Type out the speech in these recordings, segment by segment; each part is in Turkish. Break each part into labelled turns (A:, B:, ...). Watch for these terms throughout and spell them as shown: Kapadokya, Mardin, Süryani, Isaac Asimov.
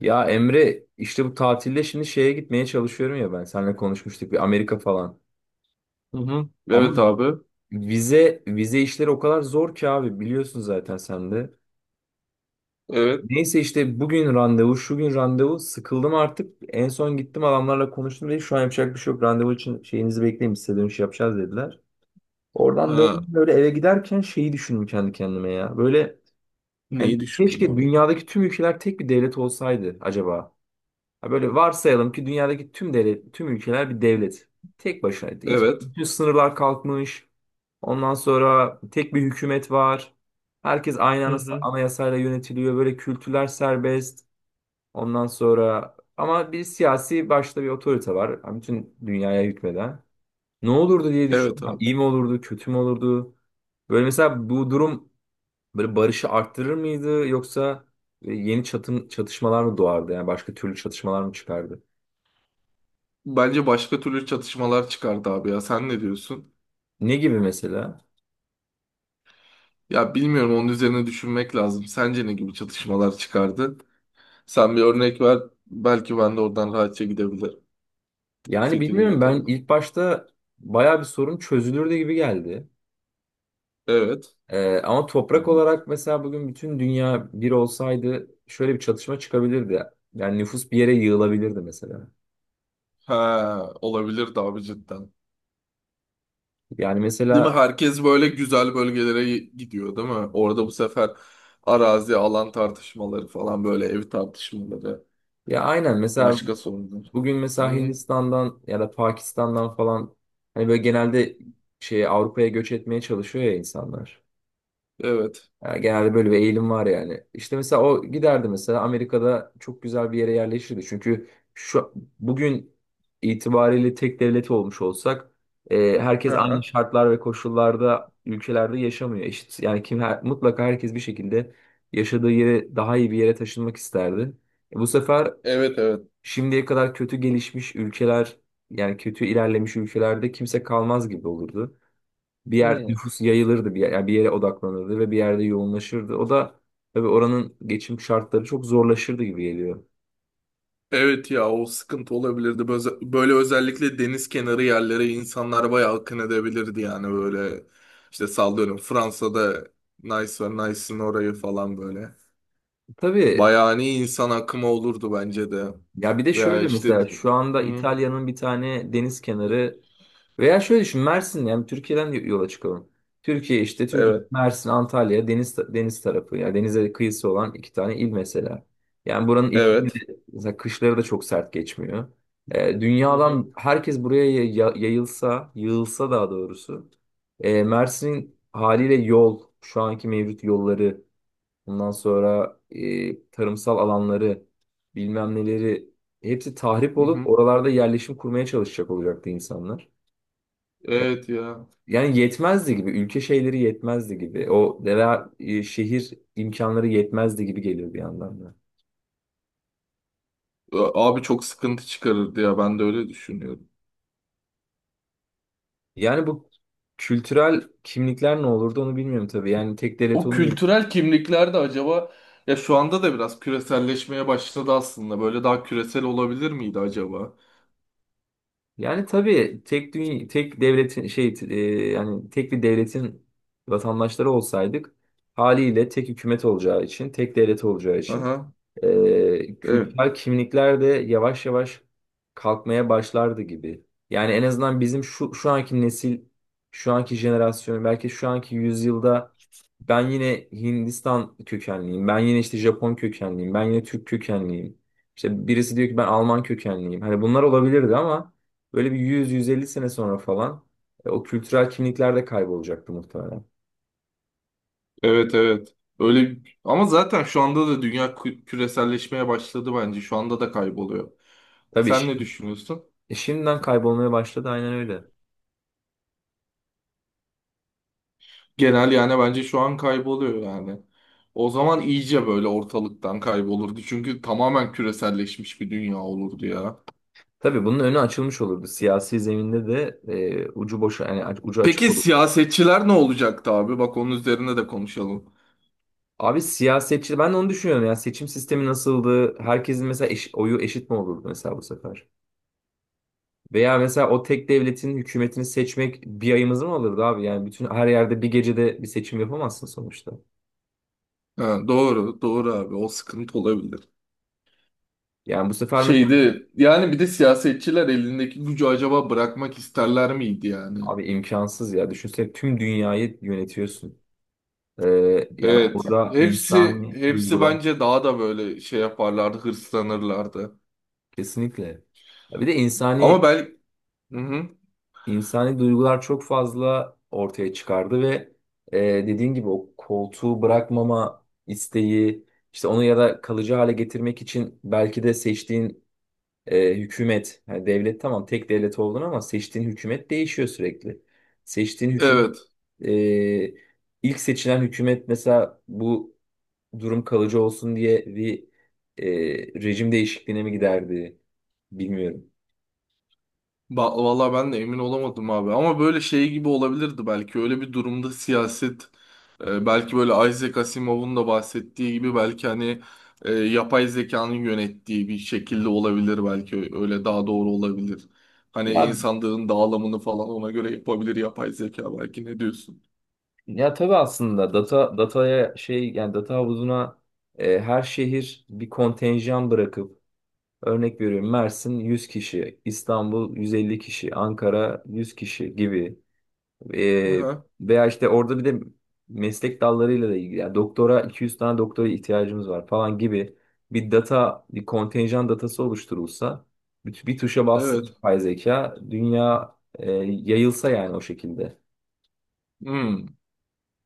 A: Ya Emre işte bu tatilde şimdi şeye gitmeye çalışıyorum ya ben. Seninle konuşmuştuk bir Amerika falan.
B: Hı hı. Evet
A: Ama
B: abi.
A: vize işleri o kadar zor ki abi, biliyorsun zaten sen de.
B: Evet.
A: Neyse işte bugün randevu, şu gün randevu. Sıkıldım artık. En son gittim, adamlarla konuştum, dedi şu an yapacak bir şey yok. Randevu için şeyinizi bekleyin, biz size dönüş yapacağız, dediler. Oradan
B: Ha.
A: döndüm, böyle eve giderken şeyi düşündüm kendi kendime ya. Böyle yani
B: Neyi düşündün
A: keşke
B: abi?
A: dünyadaki tüm ülkeler tek bir devlet olsaydı acaba. Ha, böyle varsayalım ki dünyadaki tüm devlet, tüm ülkeler bir devlet. Tek başına. Hiç,
B: Evet.
A: bütün sınırlar kalkmış. Ondan sonra tek bir hükümet var. Herkes aynı
B: Hı hı.
A: anayasayla yönetiliyor. Böyle kültürler serbest. Ondan sonra ama bir siyasi başta bir otorite var. Yani bütün dünyaya hükmeden. Ne olurdu diye düşündüm.
B: Evet
A: Yani
B: abi.
A: İyi mi olurdu, kötü mü olurdu? Böyle mesela bu durum böyle barışı arttırır mıydı, yoksa yeni çatışmalar mı doğardı? Yani başka türlü çatışmalar mı çıkardı?
B: Bence başka türlü çatışmalar çıkardı abi ya. Sen ne diyorsun?
A: Ne gibi mesela?
B: Ya bilmiyorum, onun üzerine düşünmek lazım. Sence ne gibi çatışmalar çıkardı? Sen bir örnek ver. Belki ben de oradan rahatça gidebilirim.
A: Yani
B: Fikrimi
A: bilmiyorum, ben
B: yürütebilirim.
A: ilk başta baya bir sorun çözülürdü gibi geldi.
B: Evet.
A: Ama toprak olarak mesela bugün bütün dünya bir olsaydı şöyle bir çatışma çıkabilirdi. Yani nüfus bir yere yığılabilirdi mesela.
B: Ha, olabilir de abi cidden.
A: Yani
B: Değil mi?
A: mesela,
B: Herkes böyle güzel bölgelere gidiyor değil mi? Orada bu sefer arazi, alan tartışmaları falan, böyle ev tartışmaları.
A: ya aynen, mesela
B: Başka sorunlar.
A: bugün mesela
B: Hmm,
A: Hindistan'dan ya da Pakistan'dan falan hani böyle genelde şey Avrupa'ya göç etmeye çalışıyor ya insanlar.
B: evet.
A: Yani genelde böyle bir eğilim var yani. İşte mesela o giderdi, mesela Amerika'da çok güzel bir yere yerleşirdi. Çünkü şu bugün itibariyle tek devlet olmuş olsak, herkes, evet, aynı
B: Aha,
A: şartlar ve koşullarda ülkelerde yaşamıyor. Eşit yani, kim mutlaka herkes bir şekilde yaşadığı yere, daha iyi bir yere taşınmak isterdi. Bu sefer
B: evet evet.
A: şimdiye kadar kötü gelişmiş ülkeler, yani kötü ilerlemiş ülkelerde kimse kalmaz gibi olurdu. Bir yer
B: Hmm,
A: nüfus yayılırdı, bir yer, yani bir yere odaklanırdı ve bir yerde yoğunlaşırdı. O da tabii oranın geçim şartları çok zorlaşırdı gibi geliyor.
B: evet ya, o sıkıntı olabilirdi. Böyle, böyle özellikle deniz kenarı yerlere insanlar bayağı akın edebilirdi yani, böyle. İşte sallıyorum Fransa'da Nice var, Nice'ın orayı falan, böyle.
A: Tabii.
B: Bayağı hani insan akımı olurdu bence de.
A: Ya bir de
B: Veya
A: şöyle
B: işte,
A: mesela, şu anda
B: hı,
A: İtalya'nın bir tane deniz kenarı, veya şöyle düşün Mersin, yani Türkiye'den yola çıkalım. Türkiye işte, Türkiye,
B: evet
A: Mersin, Antalya deniz deniz tarafı, yani denize kıyısı olan iki tane il mesela. Yani buranın iklimi de
B: evet.
A: mesela kışları da çok sert geçmiyor.
B: Hı hı.
A: Dünyadan herkes buraya yayılsa, yığılsa daha doğrusu. Mersin'in haliyle yol, şu anki mevcut yolları, ondan sonra tarımsal alanları, bilmem neleri, hepsi tahrip
B: Hı
A: olup
B: hı.
A: oralarda yerleşim kurmaya çalışacak olacaktı insanlar. E,
B: Evet ya.
A: Yani yetmezdi gibi, ülke şeyleri yetmezdi gibi, o veya şehir imkanları yetmezdi gibi geliyor bir yandan da.
B: Abi çok sıkıntı çıkarırdı ya, ben de öyle düşünüyorum.
A: Yani bu kültürel kimlikler ne olurdu, onu bilmiyorum tabii. Yani tek devlet
B: O
A: olunca,
B: kültürel kimlikler de acaba, ya şu anda da biraz küreselleşmeye başladı aslında. Böyle daha küresel olabilir miydi acaba?
A: yani tabii tek dünya, tek devletin şey, yani tek bir devletin vatandaşları olsaydık, haliyle tek hükümet olacağı için, tek devlet olacağı için
B: Aha. Evet.
A: kültürel kimlikler de yavaş yavaş kalkmaya başlardı gibi. Yani en azından bizim şu anki nesil, şu anki jenerasyon, belki şu anki yüzyılda ben yine Hindistan kökenliyim, ben yine işte Japon kökenliyim, ben yine Türk kökenliyim. İşte birisi diyor ki ben Alman kökenliyim. Hani bunlar olabilirdi, ama böyle bir 100-150 sene sonra falan o kültürel kimlikler de kaybolacaktı muhtemelen.
B: Evet evet. Öyle ama zaten şu anda da dünya küreselleşmeye başladı bence. Şu anda da kayboluyor.
A: Tabii
B: Sen ne düşünüyorsun?
A: şimdiden kaybolmaya başladı, aynen öyle.
B: Genel yani bence şu an kayboluyor yani. O zaman iyice böyle ortalıktan kaybolurdu. Çünkü tamamen küreselleşmiş bir dünya olurdu ya.
A: Tabii bunun önü açılmış olurdu. Siyasi zeminde de ucu boş, yani ucu açık
B: Peki
A: olurdu.
B: siyasetçiler ne olacaktı abi? Bak onun üzerine de konuşalım.
A: Abi siyasetçi, ben de onu düşünüyorum ya, seçim sistemi nasıldı? Herkesin mesela oyu eşit mi olurdu mesela bu sefer? Veya mesela o tek devletin hükümetini seçmek bir ayımızı mı alırdı abi? Yani bütün her yerde bir gecede bir seçim yapamazsın sonuçta.
B: Ha, doğru, doğru abi. O sıkıntı olabilir.
A: Yani bu sefer mesela,
B: Şeydi yani, bir de siyasetçiler elindeki gücü acaba bırakmak isterler miydi yani?
A: abi imkansız ya. Düşünsene tüm dünyayı yönetiyorsun. Ee, Yani
B: Evet.
A: burada
B: Hepsi
A: insani
B: hepsi
A: duygular,
B: bence daha da böyle şey yaparlardı, hırslanırlardı.
A: kesinlikle. Ya Bir de
B: Ama
A: insani
B: ben. Hı hı.
A: İnsani duygular çok fazla ortaya çıkardı ve e, dediğin gibi o koltuğu bırakmama isteği, işte onu ya da kalıcı hale getirmek için belki de seçtiğin hükümet, yani devlet, tamam tek devlet oldun ama seçtiğin hükümet değişiyor sürekli. Seçtiğin hüküm
B: Evet.
A: e, ilk seçilen hükümet mesela bu durum kalıcı olsun diye bir e, rejim değişikliğine mi giderdi, bilmiyorum.
B: Vallahi ben de emin olamadım abi. Ama böyle şey gibi olabilirdi belki. Öyle bir durumda siyaset, belki böyle Isaac Asimov'un da bahsettiği gibi belki hani yapay zekanın yönettiği bir şekilde olabilir belki. Öyle daha doğru olabilir. Hani
A: Ya
B: insanlığın dağılımını falan ona göre yapabilir yapay zeka, belki ne diyorsun?
A: Ya tabii, aslında dataya şey, yani data havuzuna her şehir bir kontenjan bırakıp, örnek veriyorum Mersin 100 kişi, İstanbul 150 kişi, Ankara 100 kişi gibi. E,
B: Aha,
A: Veya işte orada bir de meslek dallarıyla da ilgili, yani doktora 200 tane doktora ihtiyacımız var falan gibi bir data, bir kontenjan datası oluşturulsa, bir tuşa bas,
B: evet.
A: yapay zeka dünya yayılsa yani, o şekilde.
B: Hmm.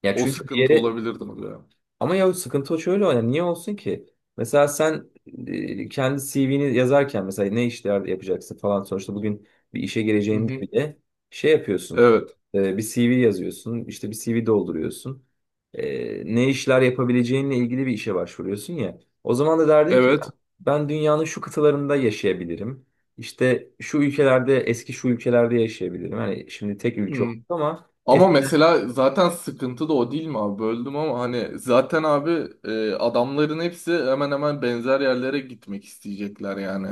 A: Ya
B: O
A: çünkü bir
B: sıkıntı
A: yere,
B: olabilirdi tabii ya.
A: ama ya sıkıntı o şöyle o, yani niye olsun ki? Mesela sen kendi CV'ni yazarken mesela ne işler yapacaksın falan, sonuçta bugün bir işe
B: Hı
A: gireceğinde
B: hı.
A: bile şey yapıyorsun.
B: Evet.
A: Bir CV yazıyorsun, işte bir CV dolduruyorsun. Ne işler yapabileceğinle ilgili bir işe başvuruyorsun ya. O zaman da derdin ki
B: Evet.
A: ben dünyanın şu kıtalarında yaşayabilirim. İşte şu ülkelerde, eski şu ülkelerde yaşayabilirim. Hani şimdi tek
B: Hı.
A: ülke oldu ama
B: Ama
A: eskiden.
B: mesela zaten sıkıntı da o değil mi abi? Böldüm ama hani zaten abi, adamların hepsi hemen hemen benzer yerlere gitmek isteyecekler yani.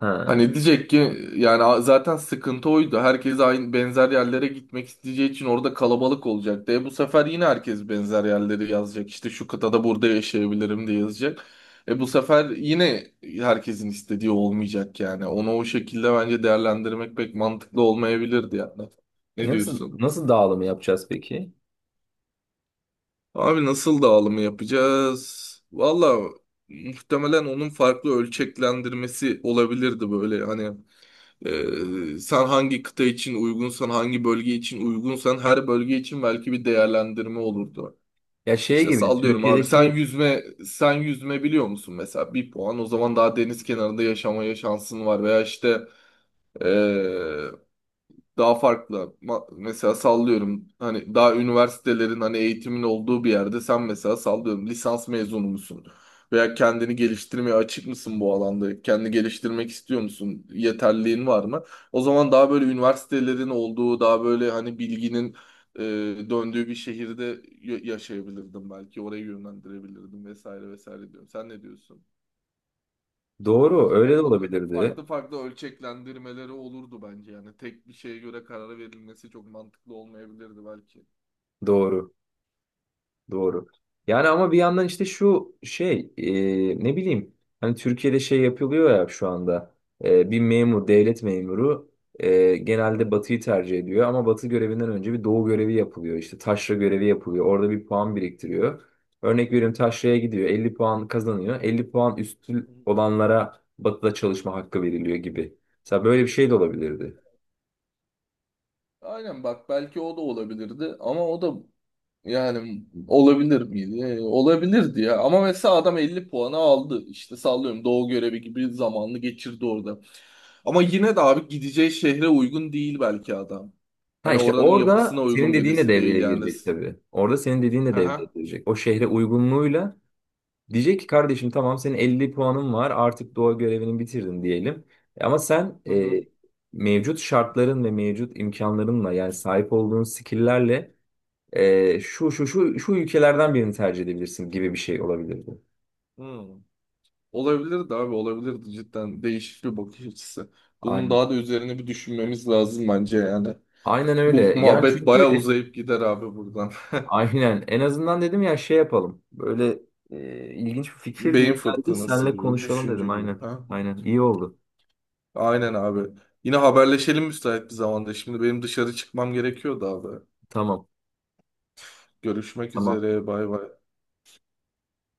A: ha,
B: Hani diyecek ki yani zaten sıkıntı oydu. Herkes aynı benzer yerlere gitmek isteyeceği için orada kalabalık olacak. E bu sefer yine herkes benzer yerleri yazacak. İşte şu kıtada burada yaşayabilirim diye yazacak. E bu sefer yine herkesin istediği olmayacak yani. Onu o şekilde bence değerlendirmek pek mantıklı olmayabilirdi yani.
A: E,
B: Ne
A: nasıl
B: diyorsun?
A: nasıl dağılımı yapacağız peki?
B: Abi nasıl dağılımı yapacağız? Valla muhtemelen onun farklı ölçeklendirmesi olabilirdi, böyle hani, sen hangi kıta için uygunsan, hangi bölge için uygunsan her bölge için belki bir değerlendirme olurdu.
A: Ya şey
B: İşte
A: gibi
B: sallıyorum abi, sen
A: Türkiye'deki,
B: yüzme sen yüzme biliyor musun mesela, bir puan, o zaman daha deniz kenarında yaşamaya şansın var veya işte, ee, daha farklı. Mesela sallıyorum hani daha üniversitelerin hani eğitimin olduğu bir yerde sen mesela sallıyorum lisans mezunu musun? Veya kendini geliştirmeye açık mısın bu alanda? Kendini geliştirmek istiyor musun? Yeterliğin var mı? O zaman daha böyle üniversitelerin olduğu, daha böyle hani bilginin e, döndüğü bir şehirde yaşayabilirdim belki. Oraya yönlendirebilirdim vesaire vesaire diyorum. Sen ne diyorsun?
A: doğru, öyle de
B: Hani bunun
A: olabilirdi.
B: farklı farklı ölçeklendirmeleri olurdu bence yani. Tek bir şeye göre karar verilmesi çok mantıklı olmayabilirdi belki.
A: Doğru. Doğru. Yani
B: Net.
A: ama bir yandan işte şu şey, ne bileyim, hani Türkiye'de şey yapılıyor ya şu anda. Bir memur, devlet memuru
B: Aha.
A: genelde batıyı tercih ediyor, ama batı görevinden önce bir doğu görevi yapılıyor, işte taşra görevi yapılıyor,
B: Tamam.
A: orada bir puan biriktiriyor. Örnek veriyorum taşraya gidiyor 50 puan kazanıyor, 50 puan
B: Hı
A: üstü
B: hı.
A: olanlara batıda çalışma hakkı veriliyor gibi. Mesela böyle bir şey de olabilirdi.
B: Aynen bak, belki o da olabilirdi ama o da, yani olabilir miydi? Olabilirdi ya. Ama mesela adam 50 puanı aldı. İşte sallıyorum Doğu görevi gibi zamanını geçirdi orada. Ama yine de abi gideceği şehre uygun değil belki adam.
A: Ha,
B: Hani
A: işte
B: oranın
A: orada
B: yapısına
A: senin
B: uygun
A: dediğin de
B: birisi değil
A: devreye
B: yani.
A: girecek tabii. Orada senin dediğin de
B: Hı
A: devreye
B: hı.
A: girecek. O şehre uygunluğuyla diyecek ki kardeşim tamam, senin 50 puanın var, artık doğa görevini bitirdin diyelim. Ama sen
B: Hı hı.
A: mevcut şartların ve mevcut imkanlarınla, yani sahip olduğun skill'lerle şu şu şu şu ülkelerden birini tercih edebilirsin gibi bir şey olabilir bu.
B: Hı. Olabilirdi abi, olabilirdi cidden, değişik bir bakış açısı. Bunun
A: Aynen.
B: daha da üzerine bir düşünmemiz lazım bence yani.
A: Aynen öyle.
B: Bu
A: Yani
B: muhabbet bayağı
A: çünkü
B: uzayıp gider abi buradan.
A: aynen. En azından dedim ya şey yapalım. Böyle ilginç bir fikir gibi
B: Beyin
A: geldi.
B: fırtınası
A: Seninle
B: gibi,
A: konuşalım
B: düşünce
A: dedim.
B: gibi.
A: Aynen.
B: Ha?
A: Aynen. İyi oldu.
B: Aynen abi. Yine haberleşelim müsait bir zamanda. Şimdi benim dışarı çıkmam gerekiyordu abi.
A: Tamam.
B: Görüşmek
A: Tamam.
B: üzere, bay bay.